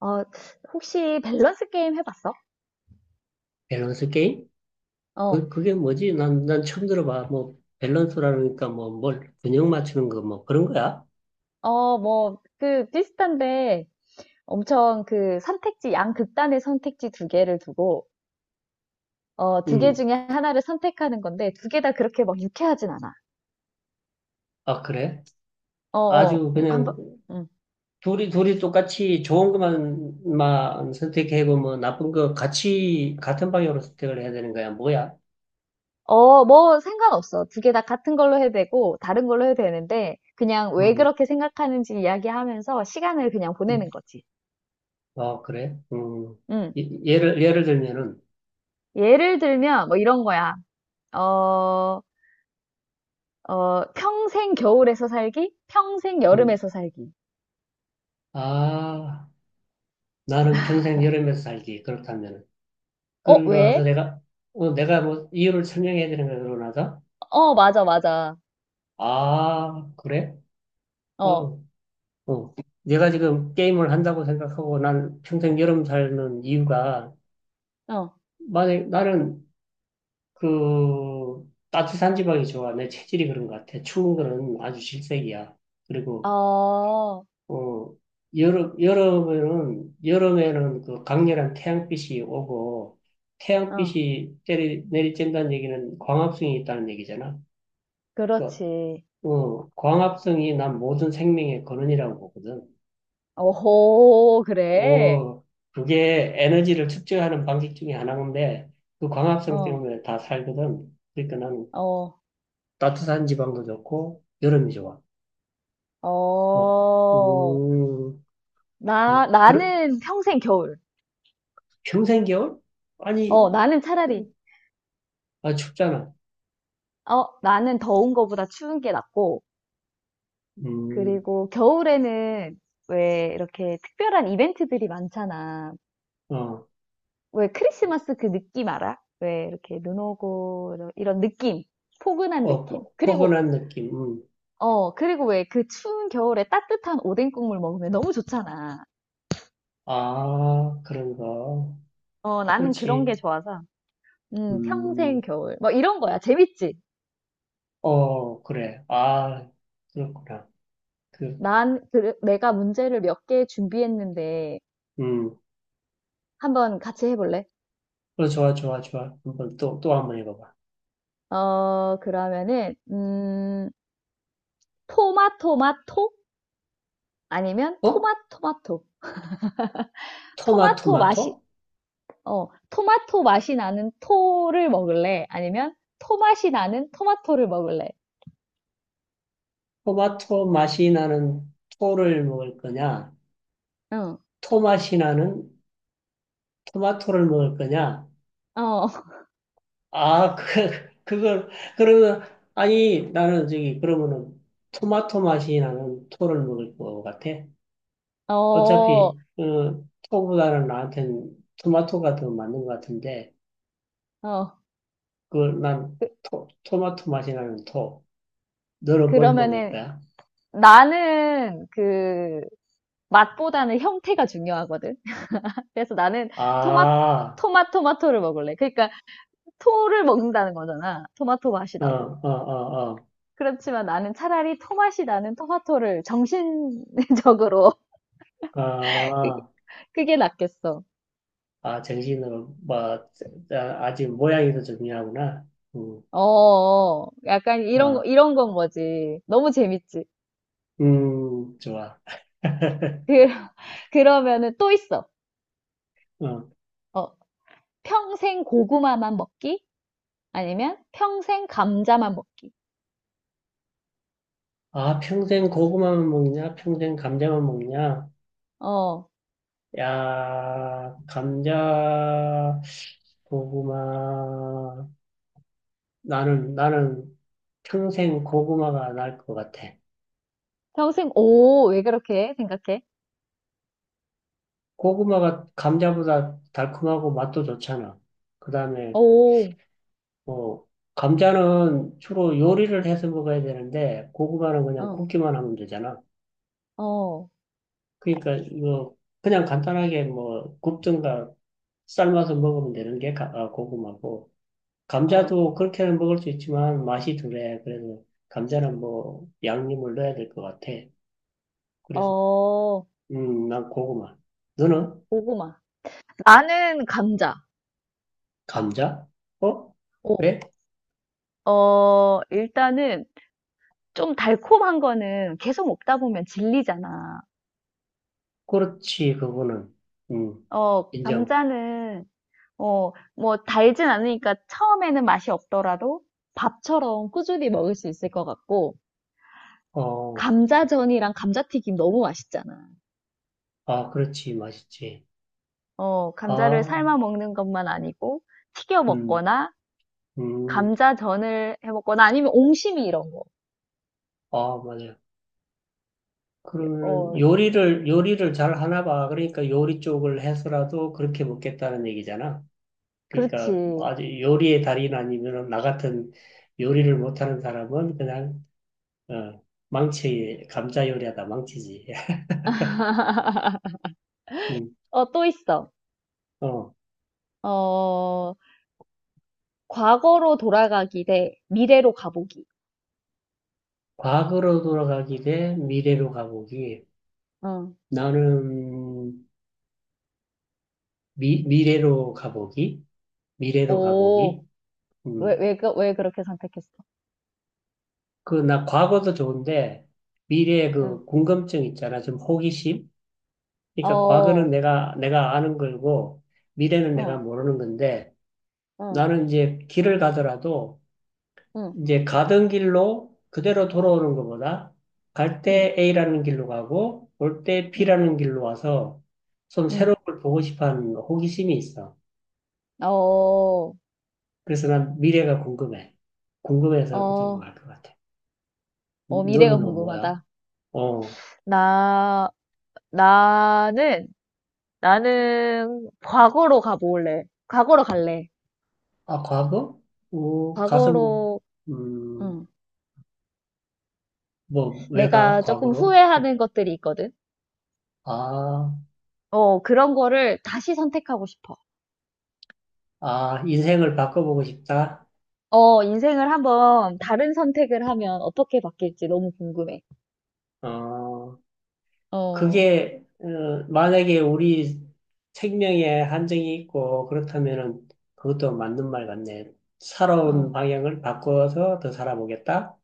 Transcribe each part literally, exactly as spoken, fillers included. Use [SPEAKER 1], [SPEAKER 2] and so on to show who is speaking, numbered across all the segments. [SPEAKER 1] 어, 혹시 밸런스 게임 해봤어?
[SPEAKER 2] 밸런스 게임?
[SPEAKER 1] 어,
[SPEAKER 2] 그, 그게 뭐지? 난, 난 처음 들어봐. 뭐, 밸런스라니까 뭐, 뭘, 균형 맞추는 거, 뭐, 그런 거야?
[SPEAKER 1] 어, 뭐, 그, 비슷한데, 엄청 그 선택지, 양극단의 선택지 두 개를 두고, 어, 두 개
[SPEAKER 2] 음.
[SPEAKER 1] 중에 하나를 선택하는 건데, 두 개 다 그렇게 막 유쾌하진 않아.
[SPEAKER 2] 아, 그래?
[SPEAKER 1] 어, 어,
[SPEAKER 2] 아주
[SPEAKER 1] 음, 한 번,
[SPEAKER 2] 그냥,
[SPEAKER 1] 음.
[SPEAKER 2] 둘이, 둘이 똑같이 좋은 것만, 만 선택하고, 뭐, 나쁜 거 같이, 같은 방향으로 선택을 해야 되는 거야? 뭐야?
[SPEAKER 1] 어, 뭐, 상관없어. 두 개 다 같은 걸로 해도 되고, 다른 걸로 해도 되는데, 그냥 왜
[SPEAKER 2] 음.
[SPEAKER 1] 그렇게 생각하는지 이야기하면서 시간을 그냥 보내는
[SPEAKER 2] 음.
[SPEAKER 1] 거지.
[SPEAKER 2] 아, 그래? 음.
[SPEAKER 1] 음.
[SPEAKER 2] 예- 예를, 예를 들면은,
[SPEAKER 1] 예를 들면, 뭐 이런 거야. 어, 어, 평생 겨울에서 살기, 평생
[SPEAKER 2] 음.
[SPEAKER 1] 여름에서 살기.
[SPEAKER 2] 아, 나는 평생 여름에서 살기. 그렇다면은.
[SPEAKER 1] 어,
[SPEAKER 2] 그러고 나서
[SPEAKER 1] 왜?
[SPEAKER 2] 내가, 어, 내가 뭐, 이유를 설명해야 되는 거야, 그러고 나서?
[SPEAKER 1] 어, 맞아, 맞아.
[SPEAKER 2] 아, 그래?
[SPEAKER 1] 어,
[SPEAKER 2] 어, 어. 내가 지금 게임을 한다고 생각하고 난 평생 여름 살는 이유가,
[SPEAKER 1] 어,
[SPEAKER 2] 만약 나는 그 따뜻한 지방이 좋아. 내 체질이 그런 것 같아. 추운 거는 아주 질색이야. 그리고,
[SPEAKER 1] 어,
[SPEAKER 2] 어, 여름, 여름에는, 여름에는 그 강렬한 태양빛이 오고,
[SPEAKER 1] 어,
[SPEAKER 2] 태양빛이 때리, 내리쬐는다는 얘기는 광합성이 있다는 얘기잖아. 그러니까,
[SPEAKER 1] 그렇지.
[SPEAKER 2] 어, 광합성이 난 모든 생명의 근원이라고 보거든.
[SPEAKER 1] 오호, 그래.
[SPEAKER 2] 오, 그게 에너지를 축적하는 방식 중에 하나인데, 그 광합성
[SPEAKER 1] 어,
[SPEAKER 2] 때문에 다 살거든. 그러니까 나는
[SPEAKER 1] 어,
[SPEAKER 2] 따뜻한 지방도 좋고, 여름이 좋아. 뭐,
[SPEAKER 1] 어.
[SPEAKER 2] 음,
[SPEAKER 1] 나,
[SPEAKER 2] 뭐, 그래,
[SPEAKER 1] 나는 평생 겨울.
[SPEAKER 2] 평생 겨울? 아니,
[SPEAKER 1] 어, 나는 차라리,
[SPEAKER 2] 그, 아, 춥잖아.
[SPEAKER 1] 어, 나는 더운 거보다 추운 게 낫고,
[SPEAKER 2] 음,
[SPEAKER 1] 그리고 겨울에는 왜 이렇게 특별한 이벤트들이 많잖아.
[SPEAKER 2] 어,
[SPEAKER 1] 왜 크리스마스 그 느낌 알아? 왜 이렇게 눈 오고 이런 느낌, 포근한
[SPEAKER 2] 어,
[SPEAKER 1] 느낌.
[SPEAKER 2] 포,
[SPEAKER 1] 그리고
[SPEAKER 2] 포근한 느낌. 음.
[SPEAKER 1] 어 그리고 왜 그 추운 겨울에 따뜻한 오뎅 국물 먹으면 너무 좋잖아.
[SPEAKER 2] 아, 그런가.
[SPEAKER 1] 어 나는 그런
[SPEAKER 2] 그렇지.
[SPEAKER 1] 게 좋아서 음 평생
[SPEAKER 2] 음,
[SPEAKER 1] 겨울 뭐 이런 거야. 재밌지?
[SPEAKER 2] 어, 그래. 아, 그렇구나. 그,
[SPEAKER 1] 난 그- 내가 문제를 몇 개 준비했는데
[SPEAKER 2] 음,
[SPEAKER 1] 한번 같이 해볼래?
[SPEAKER 2] 어, 좋아, 좋아, 좋아. 한번 또, 또 한 번 해봐봐.
[SPEAKER 1] 어, 그러면은 음 토마토마토 아니면
[SPEAKER 2] 어?
[SPEAKER 1] 토마토마토 토마토 맛이
[SPEAKER 2] 토마토마토?
[SPEAKER 1] 어, 토마토 맛이 나는 토를 먹을래? 아니면 토 맛이 나는 토마토를 먹을래?
[SPEAKER 2] 토마토 맛이 나는 토를 먹을 거냐?
[SPEAKER 1] 응,
[SPEAKER 2] 토맛이 나는 토마토를 먹을 거냐?
[SPEAKER 1] 어,
[SPEAKER 2] 아, 그, 그걸, 그러면, 아니, 나는 저기, 그러면은 토마토 맛이 나는 토를 먹을 것 같아.
[SPEAKER 1] 어,
[SPEAKER 2] 어차피, 어, 토보다는 나한텐 토마토가 더 맞는 것 같은데,
[SPEAKER 1] 어.
[SPEAKER 2] 그걸 난 토, 토마토 맛이 나는 토. 너는
[SPEAKER 1] 그,
[SPEAKER 2] 뭘 먹을
[SPEAKER 1] 러면은
[SPEAKER 2] 거야?
[SPEAKER 1] 나는 그 맛보다는 형태가 중요하거든. 그래서 나는 토마,
[SPEAKER 2] 아,
[SPEAKER 1] 토마, 토마토를 먹을래. 그러니까 토를 먹는다는 거잖아. 토마토 맛이
[SPEAKER 2] 어,
[SPEAKER 1] 나도.
[SPEAKER 2] 어, 어, 어.
[SPEAKER 1] 그렇지만 나는 차라리 토 맛이 나는 토마토를 정신적으로
[SPEAKER 2] 아.
[SPEAKER 1] 그게 낫겠어.
[SPEAKER 2] 아, 정신으로, 뭐, 아, 아직 모양이 더 중요하구나. 음,
[SPEAKER 1] 어 어. 약간 이런, 거-
[SPEAKER 2] 아,
[SPEAKER 1] 이런 건 거지. 너무 재밌지.
[SPEAKER 2] 음, 좋아.
[SPEAKER 1] 그, 그러면은 또 있어.
[SPEAKER 2] 어.
[SPEAKER 1] 어, 평생 고구마만 먹기? 아니면 평생 감자만 먹기?
[SPEAKER 2] 아, 평생 고구마만 먹냐? 평생 감자만 먹냐?
[SPEAKER 1] 어,
[SPEAKER 2] 야, 감자, 고구마. 나는, 나는 평생 고구마가 나을 것 같아.
[SPEAKER 1] 평생, 오, 왜 그렇게 생각해?
[SPEAKER 2] 고구마가 감자보다 달콤하고 맛도 좋잖아. 그 다음에
[SPEAKER 1] 오,
[SPEAKER 2] 어, 감자는 주로 요리를 해서 먹어야 되는데, 고구마는 그냥
[SPEAKER 1] 어,
[SPEAKER 2] 굽기만 하면 되잖아.
[SPEAKER 1] 어,
[SPEAKER 2] 그러니까 이거 그냥 간단하게 뭐 굽든가 삶아서 먹으면 되는 게 가- 아, 고구마고,
[SPEAKER 1] 어,
[SPEAKER 2] 감자도 그렇게는 먹을 수 있지만 맛이 덜해. 그래서 감자는 뭐 양념을 넣어야 될 것 같아. 그래서,
[SPEAKER 1] 어,
[SPEAKER 2] 음, 난 고구마. 너는?
[SPEAKER 1] 고구마. 나는 감자.
[SPEAKER 2] 감자? 어?
[SPEAKER 1] 오,
[SPEAKER 2] 왜?
[SPEAKER 1] 어, 일단은 좀 달콤한 거는 계속 먹다 보면 질리잖아.
[SPEAKER 2] 그렇지, 그거는. 음,
[SPEAKER 1] 어,
[SPEAKER 2] 인정.
[SPEAKER 1] 감자는 어, 뭐 달진 않으니까 처음에는 맛이 없더라도 밥처럼 꾸준히 먹을 수 있을 것 같고,
[SPEAKER 2] 어,
[SPEAKER 1] 감자전이랑 감자튀김 너무 맛있잖아.
[SPEAKER 2] 아, 그렇지, 맛있지.
[SPEAKER 1] 어, 감자를
[SPEAKER 2] 아.
[SPEAKER 1] 삶아 먹는 것만 아니고 튀겨
[SPEAKER 2] 음,
[SPEAKER 1] 먹거나
[SPEAKER 2] 음,
[SPEAKER 1] 감자전을 해 먹거나 아니면 옹심이 이런 거.
[SPEAKER 2] 아, 맞아요. 그러면은
[SPEAKER 1] 어,
[SPEAKER 2] 요리를, 요리를 잘 하나 봐. 그러니까 요리 쪽을 해서라도 그렇게 먹겠다는 얘기잖아. 그러니까
[SPEAKER 1] 그렇지.
[SPEAKER 2] 아주 요리의 달인 아니면 나 같은 요리를 못하는 사람은 그냥, 어, 망치, 감자 요리하다 망치지. 음,
[SPEAKER 1] 어, 또 있어.
[SPEAKER 2] 어,
[SPEAKER 1] 어, 과거로 돌아가기 대 미래로 가보기.
[SPEAKER 2] 과거로 돌아가기 대 미래로 가보기.
[SPEAKER 1] 응.
[SPEAKER 2] 나는 미, 미래로 가보기. 미래로
[SPEAKER 1] 오,
[SPEAKER 2] 가보기.
[SPEAKER 1] 왜,
[SPEAKER 2] 음.
[SPEAKER 1] 왜, 그- 왜 그렇게 선택했어?
[SPEAKER 2] 그, 나 과거도 좋은데, 미래의
[SPEAKER 1] 응.
[SPEAKER 2] 그 궁금증 있잖아. 좀 호기심? 그러니까 과거는
[SPEAKER 1] 어,
[SPEAKER 2] 내가, 내가 아는 걸고, 미래는 내가
[SPEAKER 1] 어.
[SPEAKER 2] 모르는 건데,
[SPEAKER 1] 어,
[SPEAKER 2] 나는 이제 길을 가더라도,
[SPEAKER 1] 응,
[SPEAKER 2] 이제 가던 길로 그대로 돌아오는 것보다, 갈
[SPEAKER 1] 응,
[SPEAKER 2] 때 A라는 길로 가고, 올 때
[SPEAKER 1] 응,
[SPEAKER 2] B라는 길로 와서, 좀
[SPEAKER 1] 응.
[SPEAKER 2] 새로운 걸 보고 싶어 하는 호기심이 있어.
[SPEAKER 1] 어,
[SPEAKER 2] 그래서 난 미래가 궁금해. 궁금해서 그쪽으로
[SPEAKER 1] 어,
[SPEAKER 2] 갈 것 같아.
[SPEAKER 1] 어, 미래가
[SPEAKER 2] 너는 뭐 뭐야?
[SPEAKER 1] 궁금하다.
[SPEAKER 2] 어,
[SPEAKER 1] 나, 나는, 나는 과거로 가볼래. 과거로 갈래.
[SPEAKER 2] 아, 과거? 오, 가서 뭐,
[SPEAKER 1] 과거로
[SPEAKER 2] 음,
[SPEAKER 1] 응.
[SPEAKER 2] 뭐, 왜 가?
[SPEAKER 1] 내가 조금
[SPEAKER 2] 과거로?
[SPEAKER 1] 후회하는 것들이 있거든.
[SPEAKER 2] 아,
[SPEAKER 1] 어, 그런 거를 다시 선택하고 싶어.
[SPEAKER 2] 아, 인생을 바꿔보고 싶다?
[SPEAKER 1] 어, 인생을 한번 다른 선택을 하면 어떻게 바뀔지 너무 궁금해.
[SPEAKER 2] 어,
[SPEAKER 1] 어,
[SPEAKER 2] 그게, 어, 만약에 우리 생명에 한정이 있고, 그렇다면은 그것도 맞는 말 같네. 살아온
[SPEAKER 1] 어,
[SPEAKER 2] 방향을 바꿔서 더 살아보겠다?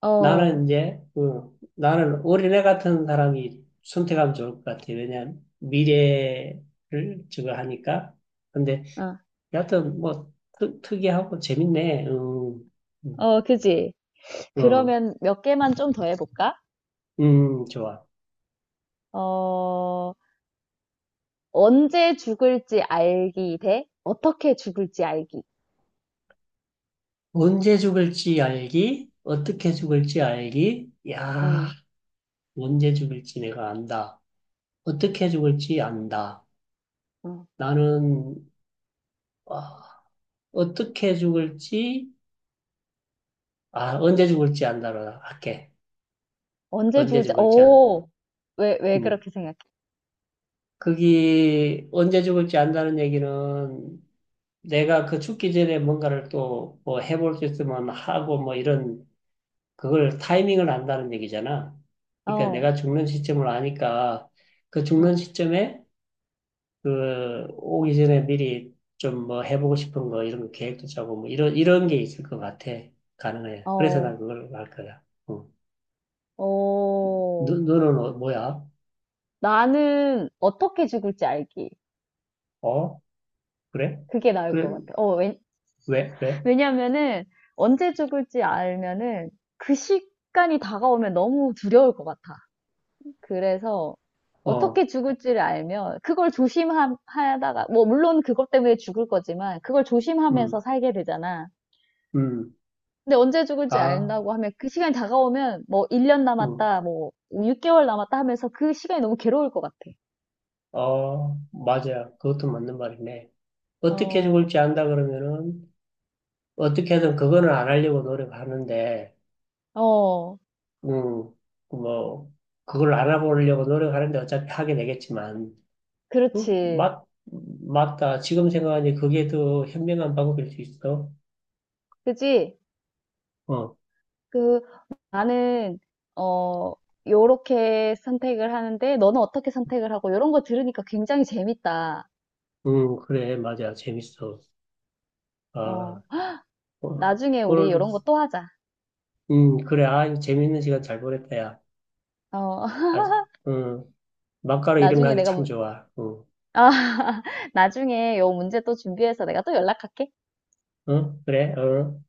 [SPEAKER 1] 어,
[SPEAKER 2] 나는 이제, 어, 나는 어린애 같은 사람이 선택하면 좋을 것 같아. 왜냐면 미래를 저거 하니까. 근데
[SPEAKER 1] 어,
[SPEAKER 2] 여하튼 뭐 특, 특이하고 재밌네. 음, 음,
[SPEAKER 1] 어, 그지?
[SPEAKER 2] 어,
[SPEAKER 1] 그러면 몇 개만 좀 더 해볼까?
[SPEAKER 2] 음, 좋아.
[SPEAKER 1] 어, 언제 죽을지 알기 대 어떻게 죽을지 알기.
[SPEAKER 2] 언제 죽을지 알기, 어떻게 죽을지 알기. 야,
[SPEAKER 1] 응,
[SPEAKER 2] 언제 죽을지 내가 안다. 어떻게 죽을지 안다.
[SPEAKER 1] 응.
[SPEAKER 2] 나는 아, 어떻게 죽을지 아 언제 죽을지 안다로 할게.
[SPEAKER 1] 언제
[SPEAKER 2] 언제
[SPEAKER 1] 죽을지,
[SPEAKER 2] 죽을지 안.
[SPEAKER 1] 오, 왜, 왜
[SPEAKER 2] 음.
[SPEAKER 1] 그렇게 생각해?
[SPEAKER 2] 그게 언제 죽을지 안다는 얘기는 내가 그 죽기 전에 뭔가를 또 뭐 해볼 수 있으면 하고 뭐 이런 그걸 타이밍을 안다는 얘기잖아. 그러니까
[SPEAKER 1] 어,
[SPEAKER 2] 내가 죽는 시점을 아니까 그 죽는
[SPEAKER 1] 응,
[SPEAKER 2] 시점에 그 오기 전에 미리 좀 뭐 해보고 싶은 거 이런 거 계획도 짜고 뭐 이런 이런 게 있을 것 같아. 가능해. 그래서
[SPEAKER 1] 어,
[SPEAKER 2] 난 그걸 할 거야. 어. 너,
[SPEAKER 1] 어.
[SPEAKER 2] 너는 어, 뭐야?
[SPEAKER 1] 나는 어떻게 죽을지 알기.
[SPEAKER 2] 어? 그래?
[SPEAKER 1] 그게 나을 것
[SPEAKER 2] 그래?
[SPEAKER 1] 같아. 어, 왜,
[SPEAKER 2] 왜? 왜?
[SPEAKER 1] 왜냐면은, 언제 죽을지 알면은, 그 시간이 다가오면 너무 두려울 것 같아. 그래서
[SPEAKER 2] 어.
[SPEAKER 1] 어떻게 죽을지를 알면 그걸 조심하다가 뭐 물론 그것 때문에 죽을 거지만 그걸 조심하면서
[SPEAKER 2] 음.
[SPEAKER 1] 살게 되잖아.
[SPEAKER 2] 음.
[SPEAKER 1] 근데 언제 죽을지
[SPEAKER 2] 아.
[SPEAKER 1] 안다고 하면 그 시간이 다가오면 뭐 일 년
[SPEAKER 2] 음.
[SPEAKER 1] 남았다, 뭐 육 개월 남았다 하면서 그 시간이 너무 괴로울 것 같아.
[SPEAKER 2] 어. 맞아. 그것도 맞는 말이네. 어떻게
[SPEAKER 1] 어,
[SPEAKER 2] 죽을지 안다 그러면은 어떻게든 그거는 안 하려고 노력하는데,
[SPEAKER 1] 어,
[SPEAKER 2] 음, 뭐, 그걸 안 해보려고 노력하는데 어차피 하게 되겠지만, 음,
[SPEAKER 1] 그렇지.
[SPEAKER 2] 맞, 맞다. 지금 생각하니 그게 더 현명한 방법일 수 있어.
[SPEAKER 1] 그지?
[SPEAKER 2] 어,
[SPEAKER 1] 그 나는 어 요렇게 선택을 하는데 너는 어떻게 선택을 하고 이런 거 들으니까 굉장히 재밌다.
[SPEAKER 2] 음, 그래, 맞아. 재밌어. 아,
[SPEAKER 1] 어,
[SPEAKER 2] 어,
[SPEAKER 1] 나중에 우리 이
[SPEAKER 2] 오늘,
[SPEAKER 1] 런 거 또 하자.
[SPEAKER 2] 음, 그래. 아, 이거 재밌는 시간 잘 보냈다, 야.
[SPEAKER 1] 어.
[SPEAKER 2] 아주, 음, 막가로 이런 거
[SPEAKER 1] 나중에
[SPEAKER 2] 하기
[SPEAKER 1] 내가
[SPEAKER 2] 참
[SPEAKER 1] 문
[SPEAKER 2] 좋아. 응,
[SPEAKER 1] 아 나중에 요 문제 또 준비해서 내가 또 연락할게.
[SPEAKER 2] 응, 그래, 응.